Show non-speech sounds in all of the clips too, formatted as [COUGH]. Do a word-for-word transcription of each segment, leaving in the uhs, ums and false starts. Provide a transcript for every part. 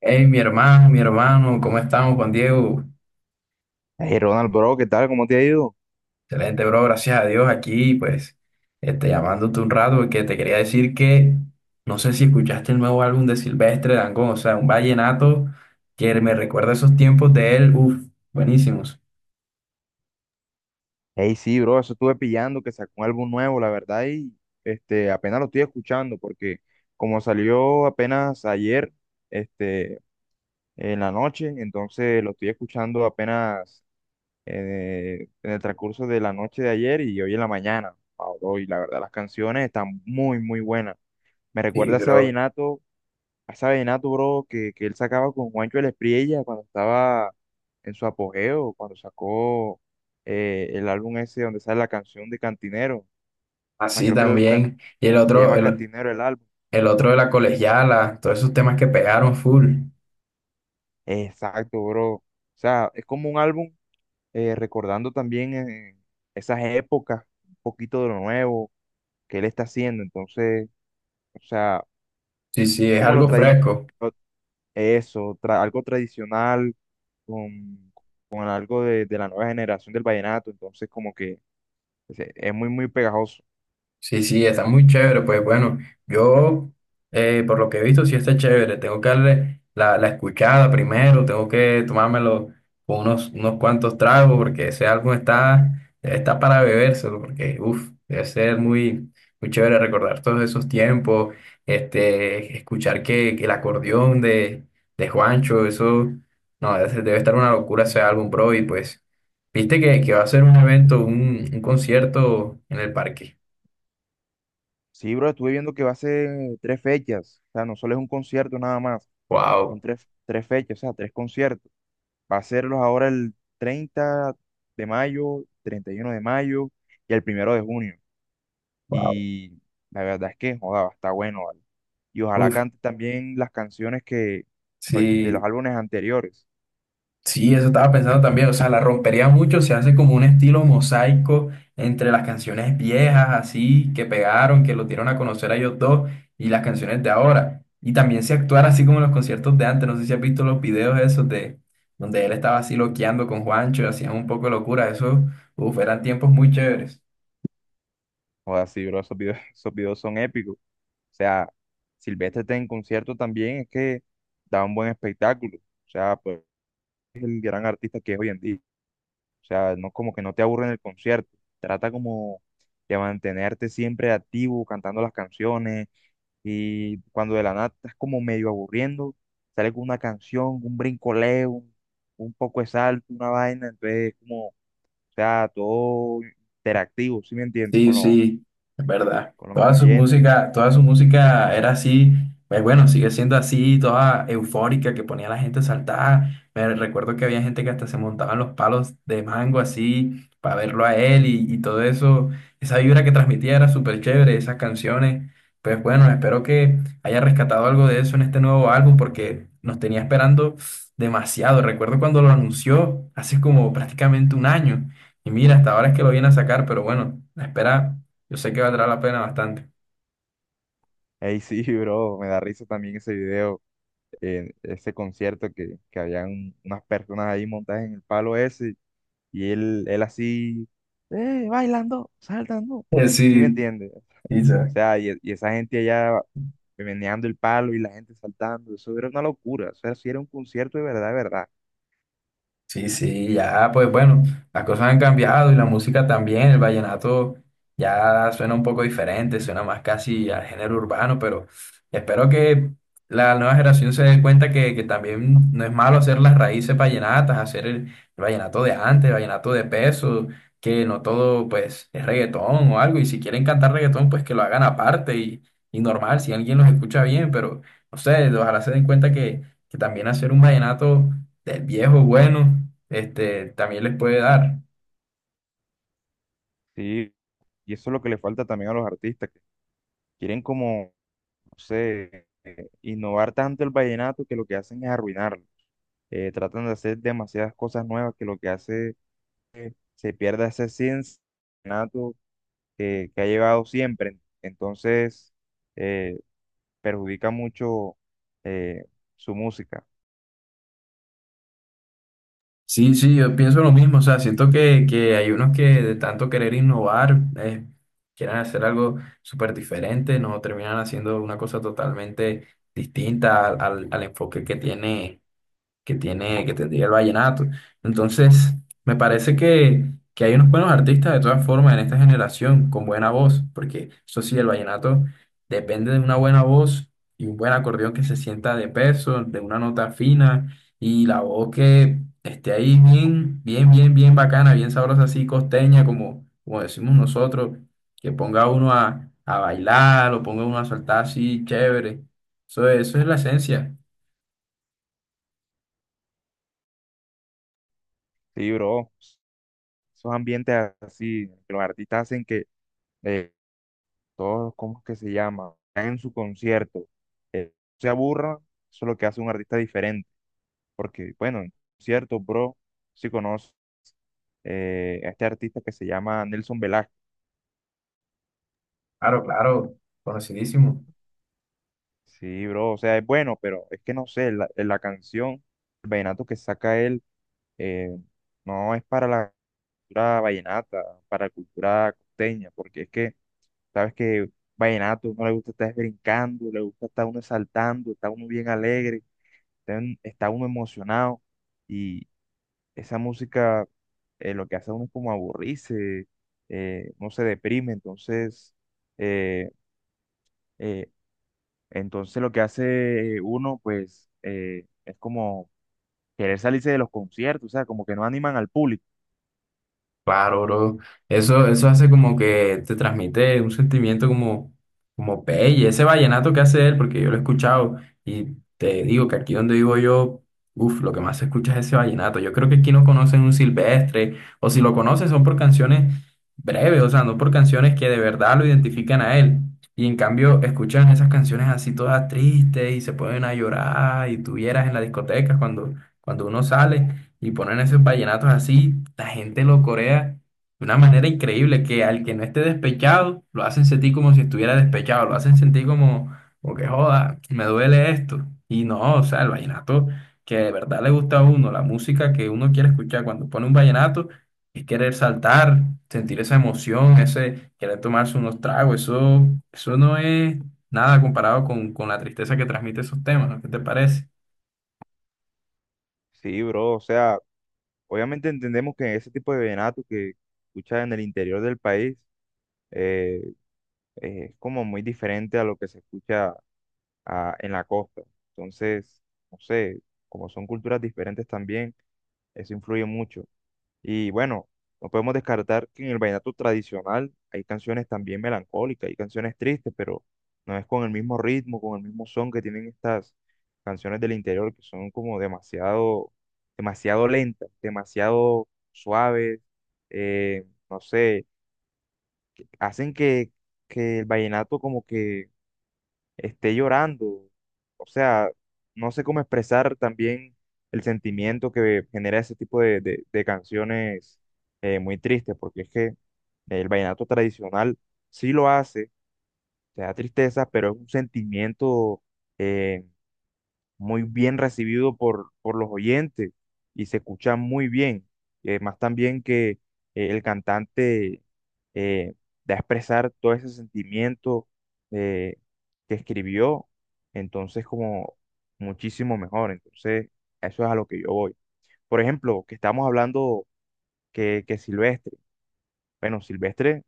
Hey, mi hermano, mi hermano, ¿cómo estamos, Juan Diego? Hey Ronald, bro, ¿qué tal? ¿Cómo te ha ido? Excelente, bro, gracias a Dios aquí, pues, este, llamándote un rato porque te quería decir que no sé si escuchaste el nuevo álbum de Silvestre Dangond, o sea, un vallenato que me recuerda esos tiempos de él, uff, buenísimos. Hey, sí, bro, eso estuve pillando que sacó un álbum nuevo, la verdad, y este, apenas lo estoy escuchando porque como salió apenas ayer, este, en la noche, entonces lo estoy escuchando apenas eh, en el transcurso de la noche de ayer y hoy en la mañana. Ah, bro, y la verdad, las canciones están muy, muy buenas. Me Sí, recuerda a ese bro, vallenato esa vallenato, bro, que, que él sacaba con Juancho el Espriella cuando estaba en su apogeo, cuando sacó eh, el álbum ese donde sale la canción de Cantinero. Más así creo que el álbum ta- también. Y el se otro, llama el, Cantinero el álbum. el otro de la colegiala, todos esos temas que pegaron full. Exacto, bro. O sea, es como un álbum eh, recordando también eh, esas épocas, un poquito de lo nuevo que él está haciendo. Entonces, o sea, Sí, sí, es es como lo algo tradicional, fresco. eso, tra- algo tradicional con, con algo de, de la nueva generación del vallenato, entonces como que es, es muy, muy pegajoso. Sí, sí, está muy chévere. Pues bueno, yo eh, por lo que he visto sí está chévere. Tengo que darle la, la escuchada primero, tengo que tomármelo con unos, unos cuantos tragos porque ese álbum está, está para bebérselo porque uff, debe ser muy, muy chévere recordar todos esos tiempos, este, escuchar que, que el acordeón de, de Juancho, eso, no, debe debe estar una locura ese álbum, bro. Y pues, viste que, que va a ser un evento, un un concierto en el parque. Sí, bro, estuve viendo que va a ser tres fechas, o sea, no solo es un concierto nada más, son Wow, tres, tres fechas, o sea, tres conciertos. Va a serlos ahora el treinta de mayo, treinta y uno de mayo y el primero de junio. wow. Y la verdad es que, joda, está bueno, ¿vale? Y ojalá Uf, cante también las canciones que, pues, de los sí, álbumes anteriores. sí, eso estaba pensando también. O sea, la rompería mucho, se hace como un estilo mosaico entre las canciones viejas, así, que pegaron, que los dieron a conocer a ellos dos, y las canciones de ahora. Y también se actuara así como en los conciertos de antes. No sé si has visto los videos esos de donde él estaba así loqueando con Juancho, hacían un poco de locura. Eso, uf, eran tiempos muy chéveres. Joda, sí, bro, esos videos, [LAUGHS] esos videos son épicos. O sea, Silvestre está en concierto también, es que da un buen espectáculo. O sea, pues es el gran artista que es hoy en día. O sea, no como que no te aburre en el concierto. Trata como de mantenerte siempre activo, cantando las canciones. Y cuando de la nada estás como medio aburriendo, sale con una canción, un brincoleo, un, un poco de salto, una vaina. Entonces, como, o sea, todo interactivo, ¿sí me entiendes? Sí, Con los, sí, es verdad. con los Toda su oyentes. música, toda su música era así, pues bueno, sigue siendo así, toda eufórica, que ponía a la gente a saltar. Me recuerdo que había gente que hasta se montaba en los palos de mango así, para verlo a él y, y todo eso. Esa vibra que transmitía era súper chévere, esas canciones. Pues bueno, espero que haya rescatado algo de eso en este nuevo álbum, porque nos tenía esperando demasiado. Recuerdo cuando lo anunció, hace como prácticamente un año. Y mira, hasta ahora es que lo viene a sacar, pero bueno, la espera, yo sé que valdrá la pena bastante. Ey, sí, [LAUGHS] bro, me da risa también ese video. En ese concierto que, que habían unas personas ahí montadas en el palo ese y él, él así, eh, bailando, saltando, Eh, ¿sí me Sí, entiendes? O sí, sí. sea, y, y esa gente allá meneando el palo y la gente saltando, eso era una locura, o sea, si era un concierto de verdad, de verdad. Sí, sí, ya, pues bueno, las cosas han cambiado y la música también, el vallenato ya suena un poco diferente, suena más casi al género urbano, pero espero que la nueva generación se dé cuenta que, que también no es malo hacer las raíces vallenatas, hacer el, el vallenato de antes, el vallenato de peso, que no todo pues es reggaetón o algo, y si quieren cantar reggaetón, pues que lo hagan aparte y, y normal, si alguien los escucha bien, pero no sé, ojalá se den cuenta que, que también hacer un vallenato del viejo bueno, este, también les puede dar. Sí, y eso es lo que le falta también a los artistas, que quieren como, no sé, eh, innovar tanto el vallenato que lo que hacen es arruinarlo. Eh, tratan de hacer demasiadas cosas nuevas que lo que hace se pierda ese cincinato que, que ha llevado siempre. Entonces, eh, perjudica mucho eh, su música. Sí, sí, yo pienso lo mismo, o sea, siento que, que hay unos que de tanto querer innovar, eh, quieren hacer algo súper diferente, no terminan haciendo una cosa totalmente distinta al, al- al enfoque que tiene. Que tiene, que tendría el vallenato. Entonces, me parece que, que hay unos buenos artistas de todas formas en esta generación con buena voz, porque eso sí, el vallenato depende de una buena voz y un buen acordeón que se sienta de peso, de una nota fina y la voz que esté ahí bien, bien, bien, bien bacana, bien sabrosa, así costeña, como, como decimos nosotros, que ponga a uno a, a bailar, o ponga a uno a saltar así, chévere. Eso, eso es la esencia. Sí, bro. Esos ambientes así, que los artistas hacen que eh, todos, ¿cómo es que se llama? En su concierto, eh, se aburra, eso es lo que hace un artista diferente. Porque, bueno, en concierto, bro, si conoce eh, a este artista que se llama Nelson Velázquez. Claro, claro, conocidísimo. Sí, bro, o sea, es bueno, pero es que no sé, la, eh, la canción, el vallenato que saca él, eh, no es para la cultura vallenata, para la cultura costeña, porque es que, sabes que vallenato no le gusta estar brincando, le gusta estar uno saltando, está uno bien alegre, está, un- está uno emocionado, y esa música eh, lo que hace a uno es como aburrirse, eh, uno se deprime, entonces, eh, eh, entonces lo que hace uno, pues, eh, es como querer salirse de los conciertos, o sea, como que no animan al público. Claro, bro. Eso, eso hace como que te transmite un sentimiento como, como pelle. Ese vallenato que hace él, porque yo lo he escuchado y te digo que aquí donde vivo yo, uff, lo que más se escucha es ese vallenato. Yo creo que aquí no conocen un silvestre, o si lo conocen son por canciones breves, o sea, no por canciones que de verdad lo identifican a él. Y en cambio escuchan esas canciones así todas tristes y se ponen a llorar y tuvieras en las discotecas cuando, cuando uno sale. Y ponen esos vallenatos así, la gente lo corea de una manera increíble, que al que no esté despechado, lo hacen sentir como si estuviera despechado, lo hacen sentir como, como que joda, me duele esto. Y no, o sea, el vallenato que de verdad le gusta a uno, la música que uno quiere escuchar cuando pone un vallenato, es querer saltar, sentir esa emoción, ese querer tomarse unos tragos, eso, eso no es nada comparado con, con la tristeza que transmite esos temas, ¿no? ¿Qué te parece? Sí, bro, o sea, obviamente entendemos que ese tipo de vallenato que escucha en el interior del país eh, eh, es como muy diferente a lo que se escucha ah, en la costa. Entonces, no sé, como son culturas diferentes también, eso influye mucho. Y bueno, no podemos descartar que en el vallenato tradicional hay canciones también melancólicas, hay canciones tristes, pero no es con el mismo ritmo, con el mismo son que tienen estas canciones del interior, que son como demasiado, demasiado lentas, demasiado suaves, eh, no sé, hacen que, que el vallenato como que esté llorando. O sea, no sé cómo expresar también el sentimiento que genera ese tipo de, de- de canciones eh, muy tristes, porque es que el vallenato tradicional sí lo hace, te da tristeza, pero es un sentimiento eh, muy bien recibido por, por los oyentes y se escucha muy bien. Y además también que eh, el cantante eh, da a expresar todo ese sentimiento eh, que escribió, entonces como muchísimo mejor. Entonces, eso es a lo que yo voy. Por ejemplo, que estamos hablando que, que Silvestre, bueno, Silvestre,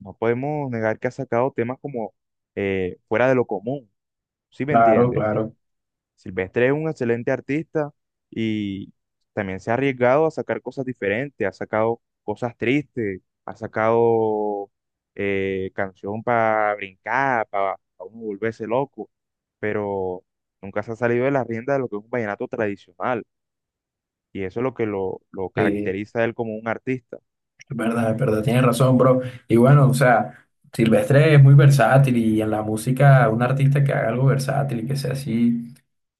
no podemos negar que ha sacado temas como eh, fuera de lo común, ¿sí me Claro, entiendes? claro. Silvestre es un excelente artista y también se ha arriesgado a sacar cosas diferentes, ha sacado cosas tristes, ha sacado eh, canción para brincar, para uno volverse loco, pero nunca se ha salido de la rienda de lo que es un vallenato tradicional y eso es lo que lo, lo caracteriza a él como un artista. Es verdad, es verdad, tienes razón, bro. Y bueno, o sea, Silvestre es muy versátil y en la música, un artista que haga algo versátil y que sea así,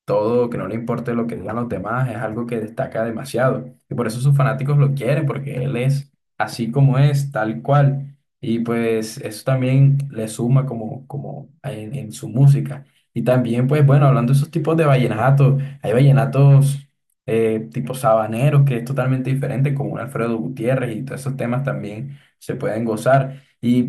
todo, que no le importe lo que digan los demás, es algo que destaca demasiado. Y por eso sus fanáticos lo quieren, porque él es así como es, tal cual. Y pues eso también le suma como, como en, en su música. Y también, pues bueno, hablando de esos tipos de vallenatos, hay vallenatos eh, tipo Sabanero, que es totalmente diferente, como un Alfredo Gutiérrez y todos esos temas también se pueden gozar. Y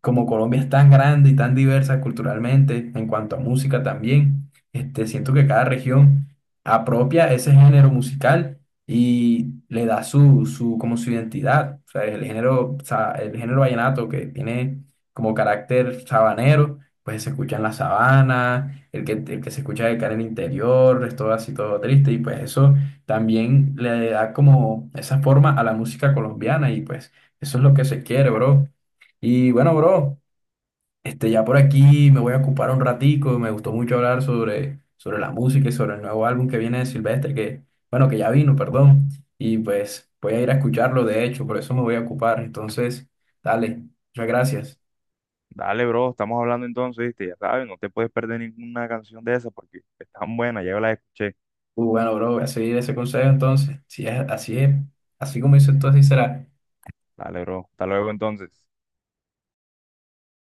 como Colombia es tan grande y tan diversa culturalmente, en cuanto a música también, este, siento que cada región apropia ese género musical y le da su, su, como su identidad. O sea, el género, sa- el género vallenato que tiene como carácter sabanero, pues se escucha en la sabana el que, el que se escucha de cara al interior, es todo así, todo triste, y pues eso también le da como esa forma a la música colombiana, y pues eso es lo que se quiere, bro. Y bueno, bro, este, ya por aquí me voy a ocupar un ratico, me gustó mucho hablar sobre, sobre la música y sobre el nuevo álbum que viene de Silvestre, que, bueno, que ya vino, perdón, y pues voy a ir a escucharlo, de hecho, por eso me voy a ocupar, entonces, dale, muchas gracias. Dale, bro, estamos hablando entonces, ¿viste? Ya sabes, no te puedes perder ninguna canción de esa porque es tan buena, ya la escuché. Uh, bueno, bro, voy a seguir ese consejo entonces. Si es así, es, así como dices tú, así será. Dale, bro, hasta luego entonces.